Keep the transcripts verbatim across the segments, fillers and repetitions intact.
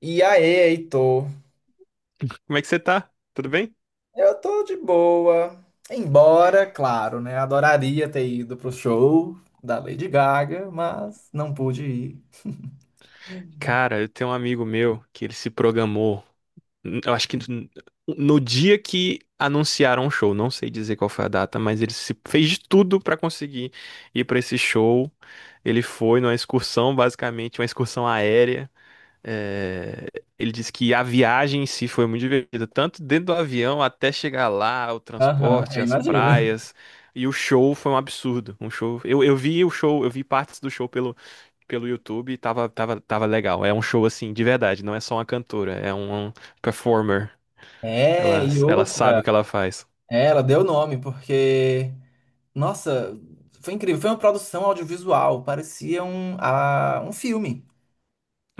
E aí, Heitor? Como é que você tá? Tudo bem? Eu tô de boa. Embora, claro, né? Adoraria ter ido pro show da Lady Gaga, mas não pude ir. Cara, eu tenho um amigo meu que ele se programou. n- Eu acho que n- no dia que anunciaram o show, não sei dizer qual foi a data, mas ele se fez de tudo pra conseguir ir pra esse show. Ele foi numa excursão, basicamente, uma excursão aérea. É, ele disse que a viagem em si foi muito divertida, tanto dentro do avião até chegar lá, o Aham, transporte, eu as imagino. praias. E o show foi um absurdo. Um show. Eu, eu vi o show, eu vi partes do show pelo pelo YouTube e tava, tava, tava legal. É um show assim, de verdade, não é só uma cantora, é um, um performer. É, Ela, e ela sabe outra. o que ela faz. É, ela deu nome, porque. Nossa, foi incrível. Foi uma produção audiovisual. Parecia um, a, um filme.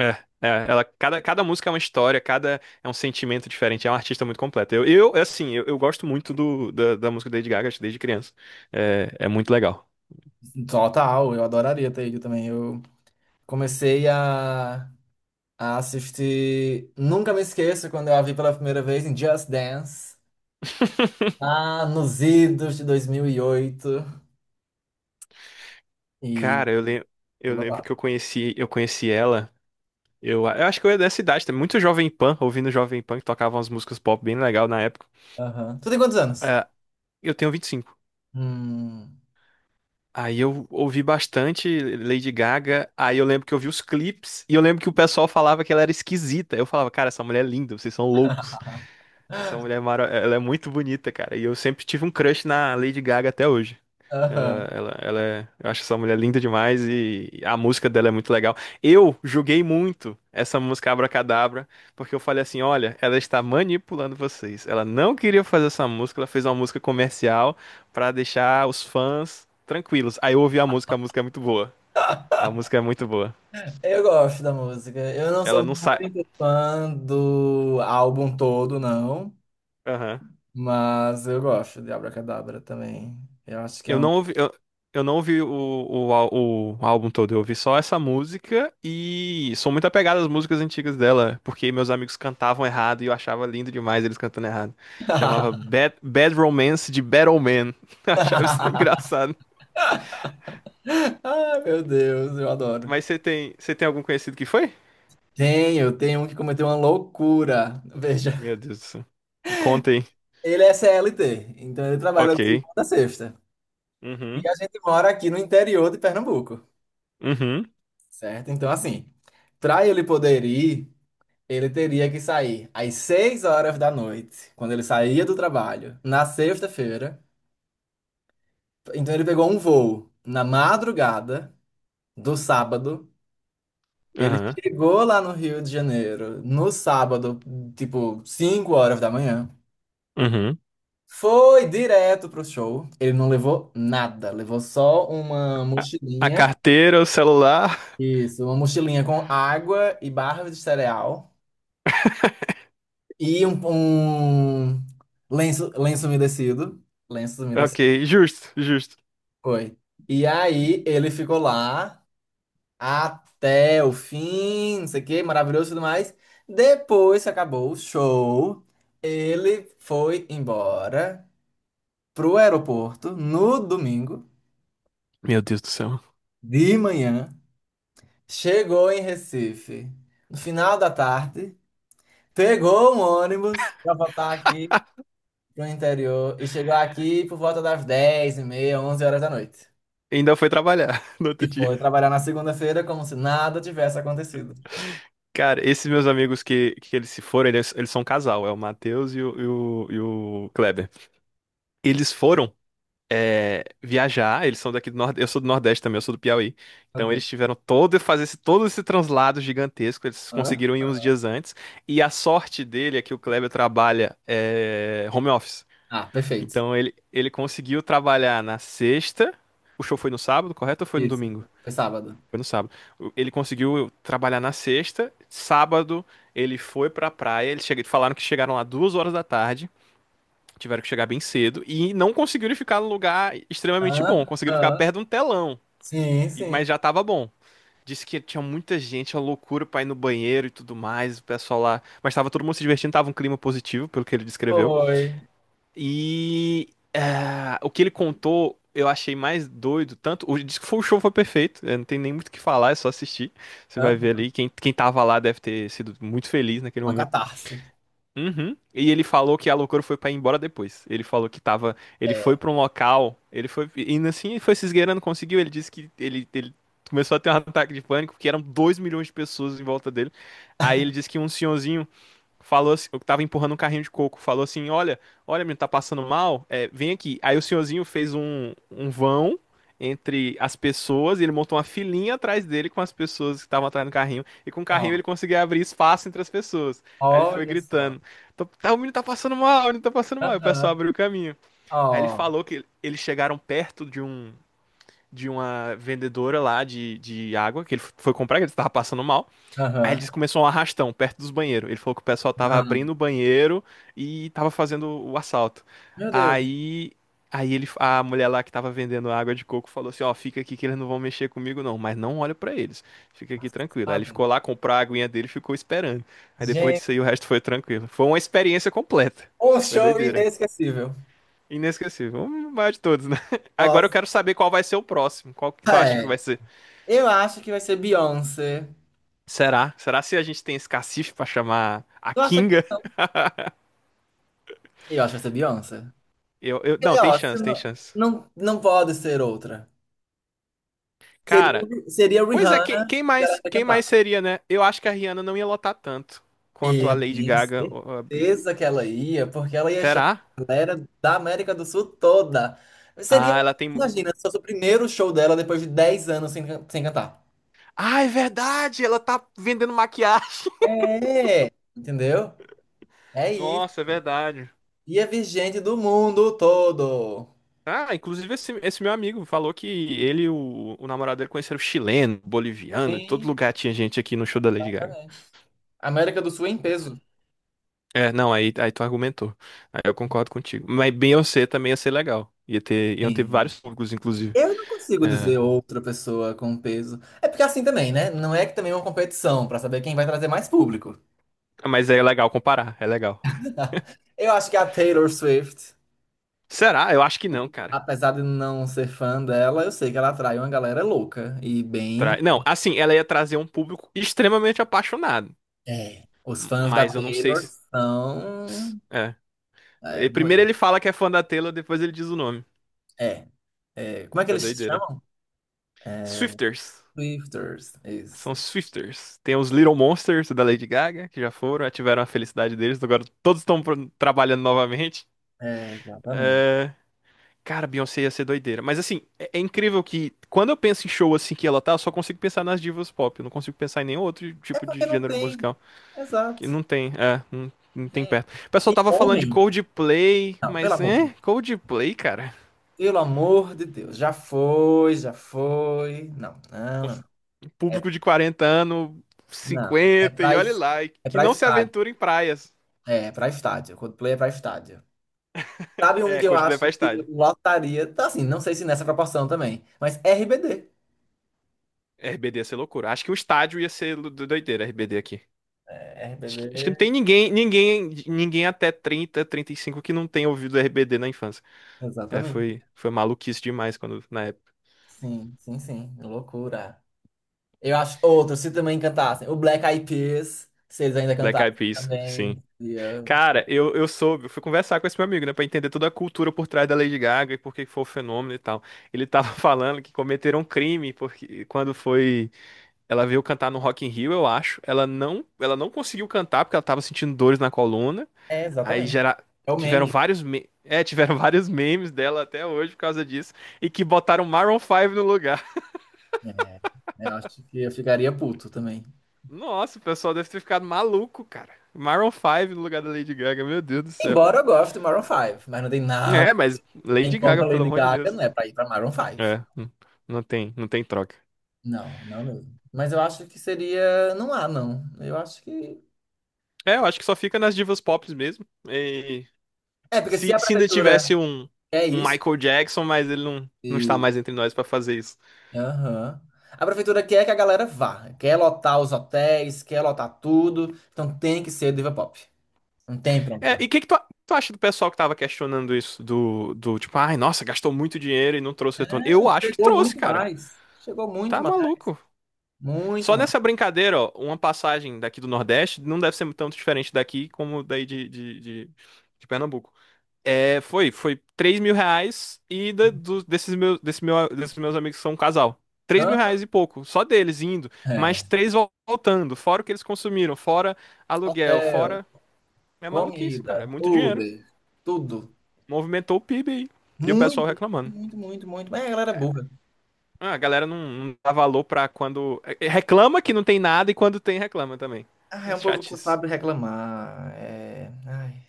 É, é, ela, cada, cada música é uma história, cada é um sentimento diferente, é uma artista muito completa. Eu, eu assim, eu, eu gosto muito do, da, da música da Lady Gaga desde criança. É, é muito legal. Total, eu adoraria ter ido também. Eu comecei a, a assistir. Nunca me esqueço quando eu a vi pela primeira vez em Just Dance. Ah, nos idos de dois mil e oito. E oito. E Cara, eu, lem, eu foi lembro babado. que eu conheci, eu conheci ela. Eu, eu acho que eu era dessa idade, também, muito Jovem Pan, ouvindo Jovem Pan, que tocava umas músicas pop bem legal na época. Aham. Tu tem quantos anos? É, eu tenho vinte e cinco. Hum. Aí eu ouvi bastante Lady Gaga, aí eu lembro que eu vi os clipes, e eu lembro que o pessoal falava que ela era esquisita. Eu falava, cara, essa mulher é linda, vocês são loucos. Essa mulher é mara... ela é muito bonita, cara. E eu sempre tive um crush na Lady Gaga até hoje. Aham. Ela, ela, ela é... Eu acho essa mulher linda demais e a música dela é muito legal. Eu julguei muito essa música Abracadabra, porque eu falei assim, olha, ela está manipulando vocês. Ela não queria fazer essa música, ela fez uma música comercial pra deixar os fãs tranquilos. Aí eu ouvi a música, a música é muito boa. A música é muito boa. Eu gosto da música. Eu não Ela sou não sai... muito fã do álbum todo, não. Aham. Mas eu gosto de Abracadabra também. Eu acho que é Eu um. não ouvi, eu, eu não ouvi o, o, ál- o álbum todo, eu ouvi só essa música e sou muito apegado às músicas antigas dela, porque meus amigos cantavam errado e eu achava lindo demais eles cantando errado. Chamava Bad, Bad Romance de Battle Man. Eu achava isso engraçado. Ah, meu Deus, eu adoro. Mas você tem, você tem algum conhecido que foi? Tenho, tem um que cometeu uma loucura. Veja, Meu Deus do céu. Conta aí. ele é C L T, então ele trabalha de Ok. segunda a sexta. E Uhum. a gente mora aqui no interior de Pernambuco. Uhum. Certo? Então, assim, para ele poder ir, ele teria que sair às seis horas da noite, quando ele saía do trabalho, na sexta-feira. Então, ele pegou um voo na madrugada do sábado. Ele Aham. chegou lá no Rio de Janeiro no sábado, tipo, cinco horas da manhã. Uhum. Foi direto pro show. Ele não levou nada, levou só uma A, a mochilinha. carteira, o celular. Isso, uma mochilinha com água e barra de cereal. E um, um lenço, lenço umedecido. Lenço Ok, umedecido. justo, justo. Foi. E aí ele ficou lá até o fim, não sei o quê, maravilhoso e tudo mais. Depois que acabou o show, ele foi embora pro aeroporto no domingo Meu Deus do céu. de manhã. Chegou em Recife no final da tarde, pegou um ônibus pra voltar aqui pro interior e chegou aqui por volta das dez e meia, onze horas da noite. Ainda foi trabalhar no outro E dia. foi trabalhar na segunda-feira como se nada tivesse acontecido. Cara, esses meus amigos que, que eles se foram, eles, eles são um casal, é o Matheus e o, e o, e o Kleber. Eles foram é, viajar, eles são daqui do Nordeste, eu sou do Nordeste também, eu sou do Piauí. Então Ok. eles tiveram todo, fazer esse, todo esse translado gigantesco, eles conseguiram Hã? ir uns dias antes. E a sorte dele é que o Kleber trabalha é, home office. Ah, perfeito. Então ele, ele conseguiu trabalhar na sexta, o show foi no sábado, correto? Ou foi no Isso. domingo? Foi sábado. Foi no sábado. O- Ele conseguiu trabalhar na sexta. Sábado, ele foi pra praia. Eles chega- falaram que chegaram lá duas horas da tarde. Tiveram que chegar bem cedo. E não conseguiram ficar num lugar extremamente bom. Hã? Conseguiram ficar Hã? perto de um telão. Sim, e- sim. Mas já tava bom. Disse que tinha muita gente, uma loucura pra ir no banheiro e tudo mais. O pessoal lá. Mas tava todo mundo se divertindo. Tava um clima positivo, pelo que ele descreveu. Foi. E ah, o que ele contou, eu achei mais doido. Tanto o disco foi o show foi perfeito. eh, Não tem nem muito o que falar, é só assistir. Você vai Hã? ver ali. Quem, quem tava lá deve ter sido muito feliz naquele Uma momento. catarse. Uhum. E ele falou que a loucura foi pra ir embora depois. Ele falou que tava. Ele foi É. pra um local. Ele foi. Indo assim, ele foi se esgueirando, conseguiu. Ele disse que ele, ele começou a ter um ataque de pânico, porque eram dois milhões de pessoas em volta dele. Aí ele disse que um senhorzinho falou assim, eu tava empurrando um carrinho de coco, falou assim, olha, olha, menino, tá passando mal, é, vem aqui. Aí o senhorzinho fez um, um vão entre as pessoas e ele montou uma filinha atrás dele com as pessoas que estavam atrás do carrinho. E com o carrinho Ó, ele conseguia abrir espaço entre as pessoas. Aí ele foi olha só. gritando, "Tô- tá, o menino tá passando mal, o menino tá passando mal. E o pessoal Aham. abriu o caminho. Aí ele Ó. falou que eles chegaram perto de um... De uma vendedora lá de, de água que ele foi comprar, que ele estava passando mal. Aí ele Aham. disse que começou um arrastão perto dos banheiros. Ele falou que o pessoal tava Não. abrindo o banheiro e tava fazendo o assalto. Meu Deus. Aí, aí ele, a mulher lá que tava vendendo água de coco falou assim: Ó, fica aqui que eles não vão mexer comigo não, mas não olha pra eles. Fica aqui tranquilo. Aí ele Passado. ficou lá, comprou a aguinha dele e ficou esperando. Aí depois Gente, disso aí o resto foi tranquilo. Foi uma experiência completa. um Foi show doideira. inesquecível. Inesquecível. O maior de todos, né? Agora eu Nossa, quero saber qual vai ser o próximo. Qual que tu acha que é. vai ser? Eu acho que vai ser Beyoncé. Será? Será se a gente tem esse cacife pra chamar a Tu acha que Kinga? E eu acho que vai ser Beyoncé. Eu, eu, não, E, tem ó, se chance, tem não, chance. não, não pode ser outra. Seria, Cara, seria pois é, que- Rihanna quem, se ela mais, ainda quem mais cantasse. seria, né? Eu acho que a Rihanna não ia lotar tanto quanto a Eu Lady tenho Gaga, ou a Bia. certeza que ela ia, porque ela ia chamar Será? a galera da América do Sul toda. Seria, Ah, ela tem. mu- imagina, se fosse o primeiro show dela depois de dez anos sem, can- sem cantar. Ah, é verdade! Ela tá vendendo maquiagem. É, entendeu? É isso. Nossa, é verdade. Ia vir gente do mundo todo. Ah, inclusive esse, esse meu amigo falou que ele e o, o namorado dele conheceram chileno, boliviano, de todo Sim, lugar tinha gente aqui no show da Lady Gaga. exatamente. América do Sul em peso. É, não, aí, aí tu argumentou. Aí eu concordo contigo. Mas Beyoncé também ia ser legal. Ia ter, iam ter Sim. vários públicos, inclusive. Eu não consigo É, dizer outra pessoa com peso. É porque é assim também, né? Não é que também é uma competição pra saber quem vai trazer mais público. mas é legal comparar, é legal. Eu acho que a Taylor Swift, Será? Eu acho que não, cara. apesar de não ser fã dela, eu sei que ela atrai uma galera louca e bem. Tra- Não, assim, ela ia trazer um público extremamente apaixonado. É. Os M- fãs da Mas eu não sei Taylor se. se- são É. é, E primeiro doidos. ele fala que é fã da Taylor, depois ele diz o nome. É, é. Como é que É eles se doideira. chamam? Swifters. Swifters. São Isso. Swifters. Tem os Little Monsters da Lady Gaga, que já foram, já tiveram a felicidade deles, agora todos estão pro- trabalhando novamente. É, exatamente. É, cara, Beyoncé ia ser doideira. Mas assim, é, é incrível que quando eu penso em show assim que ela tá, eu só consigo pensar nas divas pop. Eu não consigo pensar em nenhum outro É tipo de porque não gênero tem. musical. Exato. Que não tem, é, não, não Não tem tem. perto. O pessoal E tava falando de homem? Coldplay, Não, pelo mas amor. é, Coldplay, cara. Pelo amor de Deus, já foi, já foi. Não, não, não. não. Um É, público de quarenta anos, não, é cinquenta e pra, olhe es- lá, e é que pra não se estádio. aventura em praias. É, é pra estádio. Coldplay é pra estádio. Sabe um É, que eu Coldplay vai acho que estádio. lotaria? Tá assim, não sei se nessa proporção também, mas R B D. R B D ia ser loucura. Acho que o estádio ia ser do- doideira, R B D aqui. É, Acho que, acho que não R B D. tem ninguém, ninguém, ninguém até trinta, trinta e cinco que não tenha ouvido R B D na infância. É, Exatamente. foi, foi maluquice demais quando, na época. Sim, sim, sim. Loucura. Eu acho outro, se também cantassem. O Black Eyed Peas, se eles ainda Black cantassem Eyed Peas, sim. também. seria- Cara, eu, eu soube, eu fui conversar com esse meu amigo, né, pra entender toda a cultura por trás da Lady Gaga e por que foi o fenômeno e tal. Ele tava falando que cometeram um crime porque quando foi, ela veio cantar no Rock in Rio, eu acho, ela não, ela não conseguiu cantar porque ela tava sentindo dores na coluna. É, Aí exatamente. gera... É o tiveram meme. vários me... é, tiveram vários memes dela até hoje por causa disso. E que botaram Maroon cinco no lugar. É, eu acho que eu ficaria puto também. Nossa, o pessoal deve ter ficado maluco, cara. Maroon cinco no lugar da Lady Gaga, meu Deus do céu. Embora eu goste do Maroon cinco, mas não tem nada. É, mas Quem Lady Gaga, compra pelo Lady amor de Gaga Deus. não é pra ir pra Maroon Five. É, n- não tem, não tem troca. Não, não mesmo. Mas eu acho que seria. Não há, não. Eu acho que. É, eu acho que só fica nas divas pop mesmo. E É, porque se se, a se ainda prefeitura tivesse um, quer um isso. Michael Jackson, mas ele não, não está e- mais entre nós pra fazer isso. Aham. A prefeitura quer que a galera vá. Quer lotar os hotéis, quer lotar tudo. Então tem que ser diva pop. Não tem pronto É, correr. e o que que tu, tu acha do pessoal que tava questionando isso? Do, do tipo, ai, nossa, gastou muito dinheiro e não trouxe retorno. Não, Eu acho que chegou trouxe, muito cara. mais. Chegou muito Tá mais. maluco. Muito Só mais. nessa brincadeira, ó, uma passagem daqui do Nordeste não deve ser tanto diferente daqui como daí de, de, de, de Pernambuco. É, foi, foi três mil reais e da- do- desses meus, desse meu, desses meus amigos que são um casal. Três Hã? mil reais e pouco, só deles indo, mais É. três vol- voltando, fora o que eles consumiram, fora aluguel, Hotel, fora. É maluquice, cara, é comida, muito dinheiro. Uber, tudo. Movimentou o PIB aí. E o pessoal Muito, reclamando. muito, muito, muito. Mas a galera é burra. Ah, a galera não, não dá valor pra quando. é, é, Reclama que não tem nada e quando tem, reclama também. Ah, é É um povo que só chatice. sabe reclamar. É... Ai,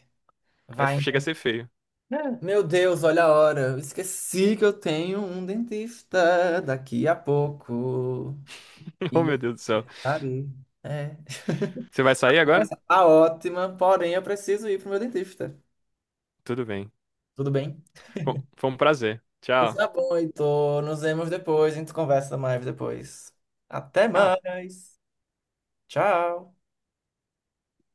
É, vai. chega a Então. ser feio. É, meu Deus, olha a hora. Eu esqueci que eu tenho um dentista daqui a pouco. Oh, E meu eu Deus do céu. estarei É. Você vai sair agora? Tá ótima, porém eu preciso ir pro meu dentista. Tudo bem. Tudo bem? Bom, foi um prazer. Pois Tchau. tá bom, Heitor. Nos vemos depois. A gente conversa mais depois. Até Ah, mais. Tchau.